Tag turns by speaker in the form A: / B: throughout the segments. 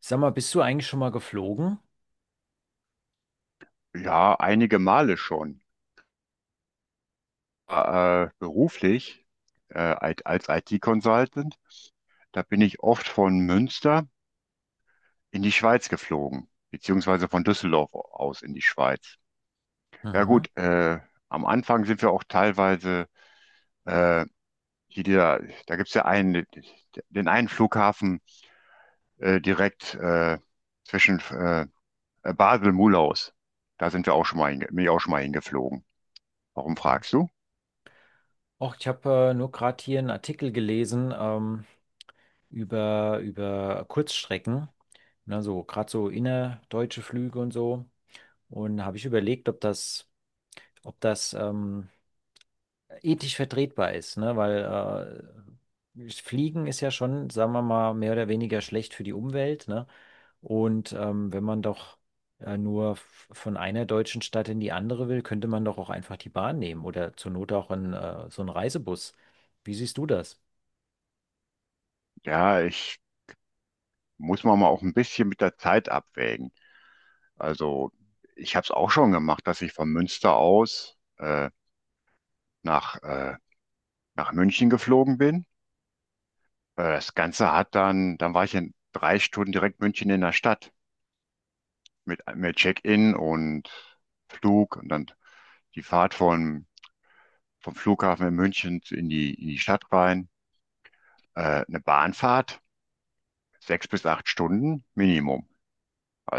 A: Sag mal, bist du eigentlich schon mal geflogen?
B: Ja, einige Male schon. Beruflich, als IT-Consultant, da bin ich oft von Münster in die Schweiz geflogen, beziehungsweise von Düsseldorf aus in die Schweiz. Ja
A: Mhm.
B: gut, am Anfang sind wir auch teilweise, äh, hier dieser, da gibt es ja einen, den einen Flughafen direkt, zwischen, Basel-Mulaus. Da sind wir auch schon mal, bin ich auch schon mal hingeflogen. Warum
A: Mhm.
B: fragst du?
A: Och, ich habe nur gerade hier einen Artikel gelesen über, über Kurzstrecken, ne, so gerade so innerdeutsche Flüge und so. Und habe ich überlegt, ob das, ob das ethisch vertretbar ist, ne? Weil Fliegen ist ja schon, sagen wir mal, mehr oder weniger schlecht für die Umwelt, ne? Und wenn man doch nur von einer deutschen Stadt in die andere will, könnte man doch auch einfach die Bahn nehmen oder zur Not auch einen, so einen Reisebus. Wie siehst du das?
B: Ja, ich muss man mal auch ein bisschen mit der Zeit abwägen. Also ich habe es auch schon gemacht, dass ich von Münster aus nach, nach München geflogen bin. Das Ganze hat dann war ich in drei Stunden direkt München in der Stadt mit Check-in und Flug und dann die Fahrt vom Flughafen in München in die Stadt rein. Eine Bahnfahrt, sechs bis acht Stunden Minimum.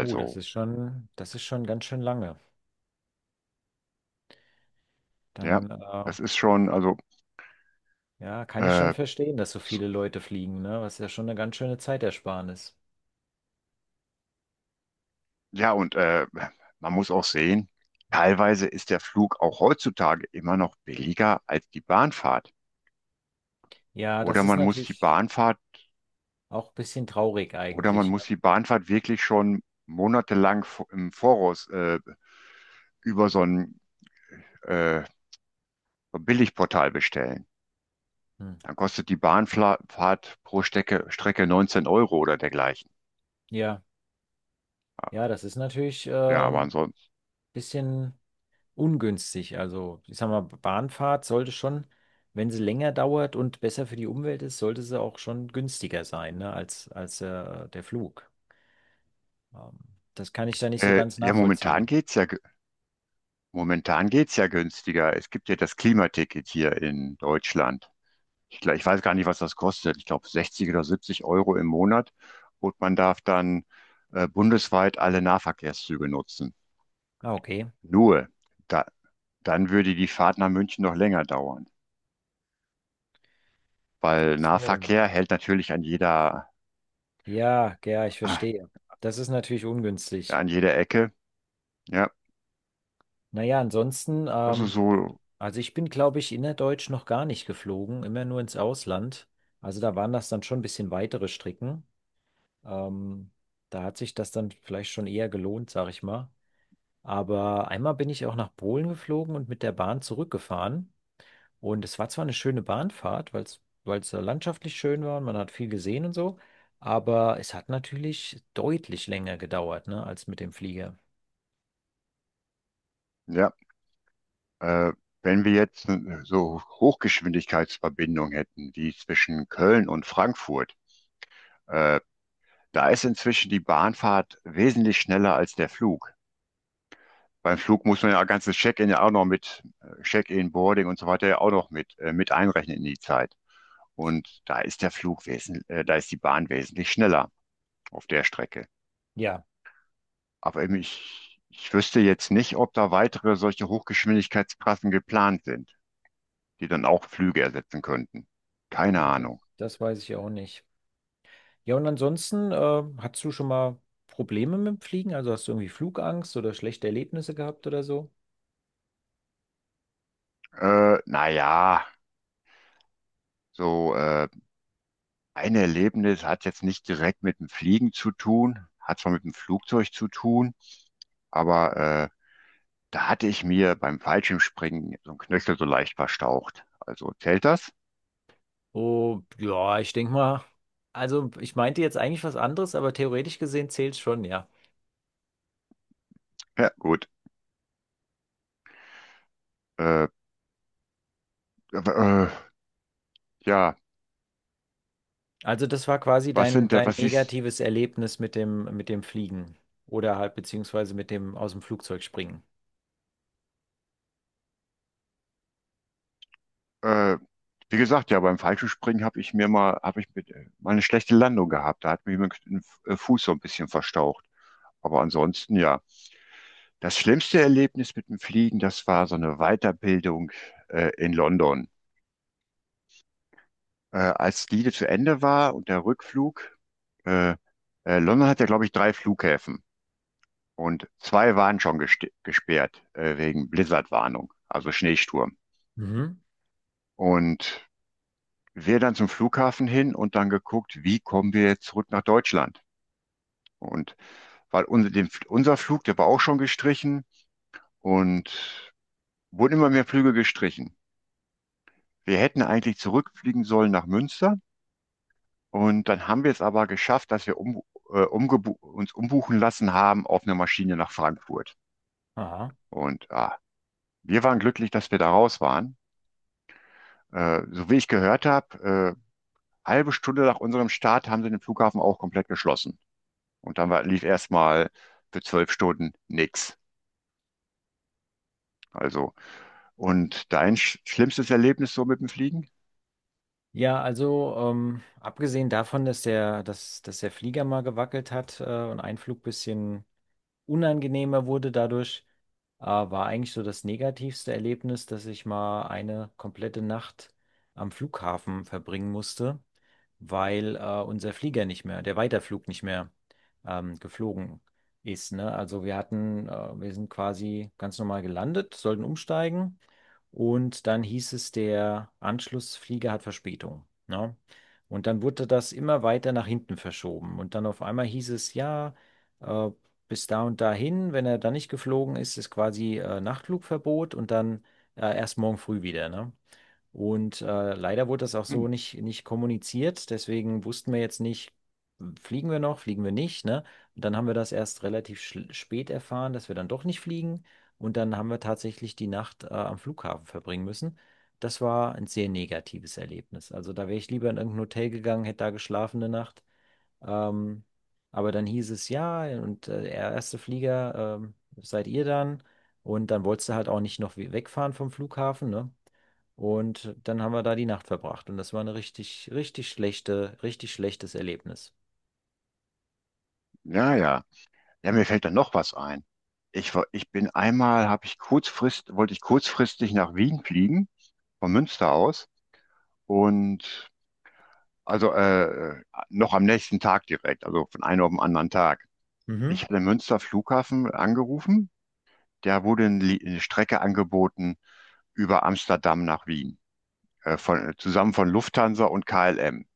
A: Oh, das ist schon ganz schön lange.
B: ja,
A: Dann,
B: das ist schon, also
A: ja, kann ich schon
B: äh,
A: verstehen, dass so viele Leute fliegen, ne? Was ja schon eine ganz schöne Zeitersparnis.
B: ja, und man muss auch sehen, teilweise ist der Flug auch heutzutage immer noch billiger als die Bahnfahrt.
A: Ja, das
B: Oder
A: ist
B: man muss die
A: natürlich
B: Bahnfahrt,
A: auch ein bisschen traurig
B: oder man
A: eigentlich. Ne?
B: muss die Bahnfahrt wirklich schon monatelang im Voraus über so ein äh, Billigportal bestellen.
A: Hm.
B: Dann kostet die Bahnfahrt pro Strecke 19 € oder dergleichen.
A: Ja, ja, das ist natürlich
B: Ja, aber ansonsten.
A: bisschen ungünstig. Also, ich sag mal, Bahnfahrt sollte schon, wenn sie länger dauert und besser für die Umwelt ist, sollte sie auch schon günstiger sein, ne, als, als der Flug. Ähm, das kann ich da nicht so ganz
B: Ja, momentan
A: nachvollziehen.
B: momentan geht's ja günstiger. Es gibt ja das Klimaticket hier in Deutschland. Ich weiß gar nicht, was das kostet. Ich glaube 60 oder 70 € im Monat. Und man darf dann bundesweit alle Nahverkehrszüge nutzen.
A: Ah, okay.
B: Nur, da, dann würde die Fahrt nach München noch länger dauern.
A: Ach
B: Weil
A: so.
B: Nahverkehr hält natürlich an
A: Ja, ja, ich
B: ah,
A: verstehe. Das ist natürlich ungünstig.
B: an jeder Ecke. Ja,
A: Naja, ansonsten,
B: also so,
A: also ich bin, glaube ich, innerdeutsch noch gar nicht geflogen, immer nur ins Ausland. Also da waren das dann schon ein bisschen weitere Strecken. Ähm, da hat sich das dann vielleicht schon eher gelohnt, sag ich mal. Aber einmal bin ich auch nach Polen geflogen und mit der Bahn zurückgefahren. Und es war zwar eine schöne Bahnfahrt, weil es, weil es landschaftlich schön war und man hat viel gesehen und so, aber es hat natürlich deutlich länger gedauert, ne, als mit dem Flieger.
B: ja. Äh, Wenn wir jetzt so Hochgeschwindigkeitsverbindungen hätten, wie zwischen Köln und Frankfurt, äh, da ist inzwischen die Bahnfahrt wesentlich schneller als der Flug. Beim Flug muss man ja ganzes Check-in ja auch noch mit, Check-in, Boarding und so weiter ja auch noch mit einrechnen in die Zeit. Und da ist der Flug da ist die Bahn wesentlich schneller auf der Strecke.
A: Ja,
B: Aber eben ich wüsste jetzt nicht, ob da weitere solche Hochgeschwindigkeitstrassen geplant sind, die dann auch Flüge ersetzen könnten. Keine
A: ja, das,
B: Ahnung.
A: das weiß ich auch nicht. Ja, und ansonsten, hast du schon mal Probleme mit dem Fliegen? Also hast du irgendwie Flugangst oder schlechte Erlebnisse gehabt oder so?
B: Naja, so ein Erlebnis hat jetzt nicht direkt mit dem Fliegen zu tun, hat zwar mit dem Flugzeug zu tun, aber da hatte ich mir beim Fallschirmspringen so einen Knöchel so leicht verstaucht. Also zählt das?
A: Oh, ja, ich denke mal, also ich meinte jetzt eigentlich was anderes, aber theoretisch gesehen zählt schon, ja.
B: Ja, gut. Äh, äh, ja,
A: Also das war quasi
B: was
A: dein,
B: sind
A: dein
B: was ist,
A: negatives Erlebnis mit dem Fliegen oder halt beziehungsweise mit dem aus dem Flugzeug springen.
B: äh, wie gesagt, ja, beim Fallschirmspringen habe ich mir habe ich mit, mal eine schlechte Landung gehabt. Da hat mir mein Fuß so ein bisschen verstaucht. Aber ansonsten, ja. Das schlimmste Erlebnis mit dem Fliegen, das war so eine Weiterbildung, in London. Als die zu Ende war und der Rückflug, äh, London hat ja, glaube ich, drei Flughäfen. Und zwei waren schon gesperrt, wegen Blizzardwarnung, also Schneesturm.
A: Mhm.
B: Und wir dann zum Flughafen hin und dann geguckt, wie kommen wir jetzt zurück nach Deutschland. Und weil unser Flug, der war auch schon gestrichen und wurden immer mehr Flüge gestrichen. Wir hätten eigentlich zurückfliegen sollen nach Münster und dann haben wir es aber geschafft, dass wir um, umgebu uns umbuchen lassen haben auf eine Maschine nach Frankfurt.
A: Aha.
B: Und ah, wir waren glücklich, dass wir da raus waren. So wie ich gehört habe, halbe Stunde nach unserem Start haben sie den Flughafen auch komplett geschlossen. Und dann war, lief erstmal für zwölf Stunden nichts. Also, und dein schlimmstes Erlebnis so mit dem Fliegen?
A: Ja, also abgesehen davon, dass der, dass, dass der Flieger mal gewackelt hat und ein Flug bisschen unangenehmer wurde dadurch, war eigentlich so das negativste Erlebnis, dass ich mal eine komplette Nacht am Flughafen verbringen musste, weil unser Flieger nicht mehr, der Weiterflug nicht mehr geflogen ist. Ne? Also wir hatten, wir sind quasi ganz normal gelandet, sollten umsteigen und dann hieß es, der Anschlussflieger hat Verspätung. Ne? Und dann wurde das immer weiter nach hinten verschoben. Und dann auf einmal hieß es, ja, äh, bis da und dahin. Wenn er dann nicht geflogen ist, ist quasi Nachtflugverbot und dann erst morgen früh wieder, ne? Und leider wurde das auch
B: Hm,
A: so nicht, nicht kommuniziert. Deswegen wussten wir jetzt nicht, hm, fliegen wir noch, fliegen wir nicht, ne? Und dann haben wir das erst relativ spät erfahren, dass wir dann doch nicht fliegen. Und dann haben wir tatsächlich die Nacht am Flughafen verbringen müssen. Das war ein sehr negatives Erlebnis. Also da wäre ich lieber in irgendein Hotel gegangen, hätte da geschlafen eine Nacht. Ähm, aber dann hieß es ja, und der erste Flieger seid ihr dann. Und dann wolltest du halt auch nicht noch wegfahren vom Flughafen, ne? Und dann haben wir da die Nacht verbracht. Und das war eine richtig, richtig schlechte, richtig schlechtes Erlebnis.
B: ja, ja. Ja, mir fällt dann noch was ein. Ich bin habe ich wollte ich kurzfristig nach Wien fliegen, von Münster aus. Und also noch am nächsten Tag direkt, also von einem auf den anderen Tag. Ich
A: Mhm.
B: hatte Münster Flughafen angerufen, der wurde eine Strecke angeboten über Amsterdam nach Wien, zusammen von Lufthansa und KLM.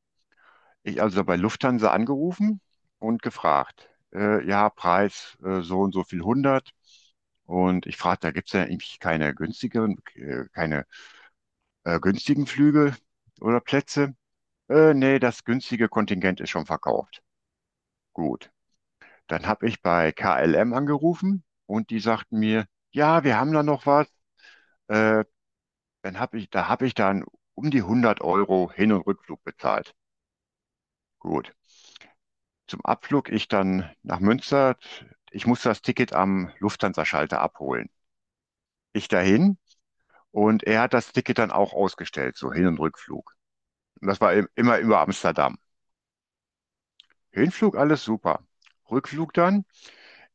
B: Ich also bei Lufthansa angerufen und gefragt, ja, Preis, so und so viel 100. Und ich fragte, da gibt es ja eigentlich keine günstigeren, keine günstigen Flüge oder Plätze. Nee, das günstige Kontingent ist schon verkauft. Gut. Dann habe ich bei KLM angerufen und die sagten mir, ja, wir haben da noch was. Äh, Dann habe da habe ich dann um die 100 € Hin- und Rückflug bezahlt. Gut. Zum Abflug ich dann nach Münster. Ich musste das Ticket am Lufthansa-Schalter abholen. Ich dahin und er hat das Ticket dann auch ausgestellt, so Hin- und Rückflug. Und das war immer über Amsterdam. Hinflug alles super. Rückflug dann.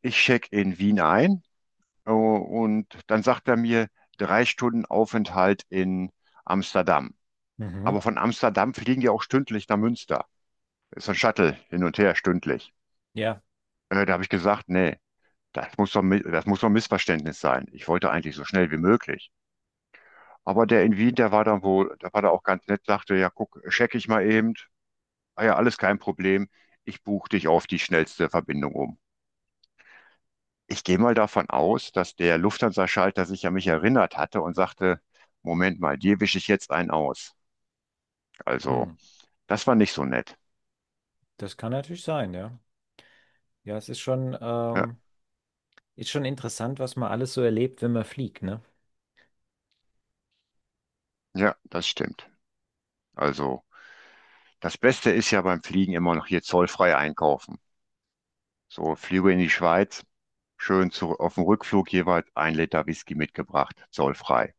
B: Ich check in Wien ein, und dann sagt er mir drei Stunden Aufenthalt in Amsterdam. Aber
A: Mhm.
B: von Amsterdam fliegen die auch stündlich nach Münster. Ist so ein Shuttle hin und her stündlich.
A: Ja.
B: Da habe ich gesagt, nee, das muss doch ein Missverständnis sein. Ich wollte eigentlich so schnell wie möglich. Aber der in Wien, der war da auch ganz nett, sagte, ja, guck, check ich mal eben. Ah ja, alles kein Problem. Ich buche dich auf die schnellste Verbindung um. Ich gehe mal davon aus, dass der Lufthansa-Schalter sich an mich erinnert hatte und sagte, Moment mal, dir wische ich jetzt einen aus.
A: Hm.
B: Also, das war nicht so nett.
A: Das kann natürlich sein, ja. Ja, es
B: Ja,
A: ist schon interessant, was man alles so erlebt, wenn man fliegt, ne?
B: ja, das stimmt. Also, das Beste ist ja beim Fliegen immer noch hier zollfrei einkaufen. So, Flüge in die Schweiz, schön zu, auf dem Rückflug jeweils ein Liter Whisky mitgebracht, zollfrei.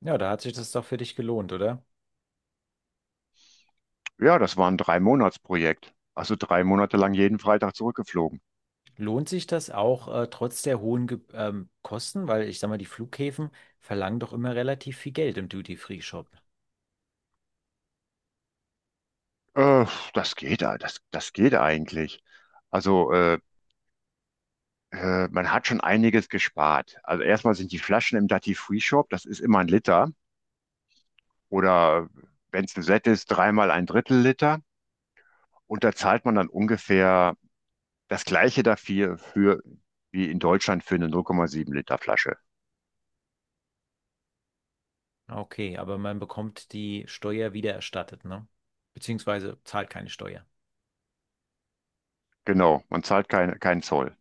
A: Ja, da hat sich das doch für dich gelohnt, oder?
B: Ja, das war ein Drei-Monats-Projekt. Also drei Monate lang jeden Freitag zurückgeflogen.
A: Lohnt sich das auch trotz der hohen Ge Kosten? Weil ich sag mal, die Flughäfen verlangen doch immer relativ viel Geld im Duty-Free-Shop.
B: Äh, Das geht, das geht eigentlich. Also, man hat schon einiges gespart. Also erstmal sind die Flaschen im Duty Free Shop, das ist immer ein Liter. Oder wenn es ein Set ist, dreimal ein Drittel Liter. Und da zahlt man dann ungefähr das gleiche dafür für, wie in Deutschland für eine 0,7 Liter Flasche.
A: Okay, aber man bekommt die Steuer wiedererstattet, ne? Beziehungsweise zahlt keine Steuer.
B: Genau, man zahlt keinen Zoll.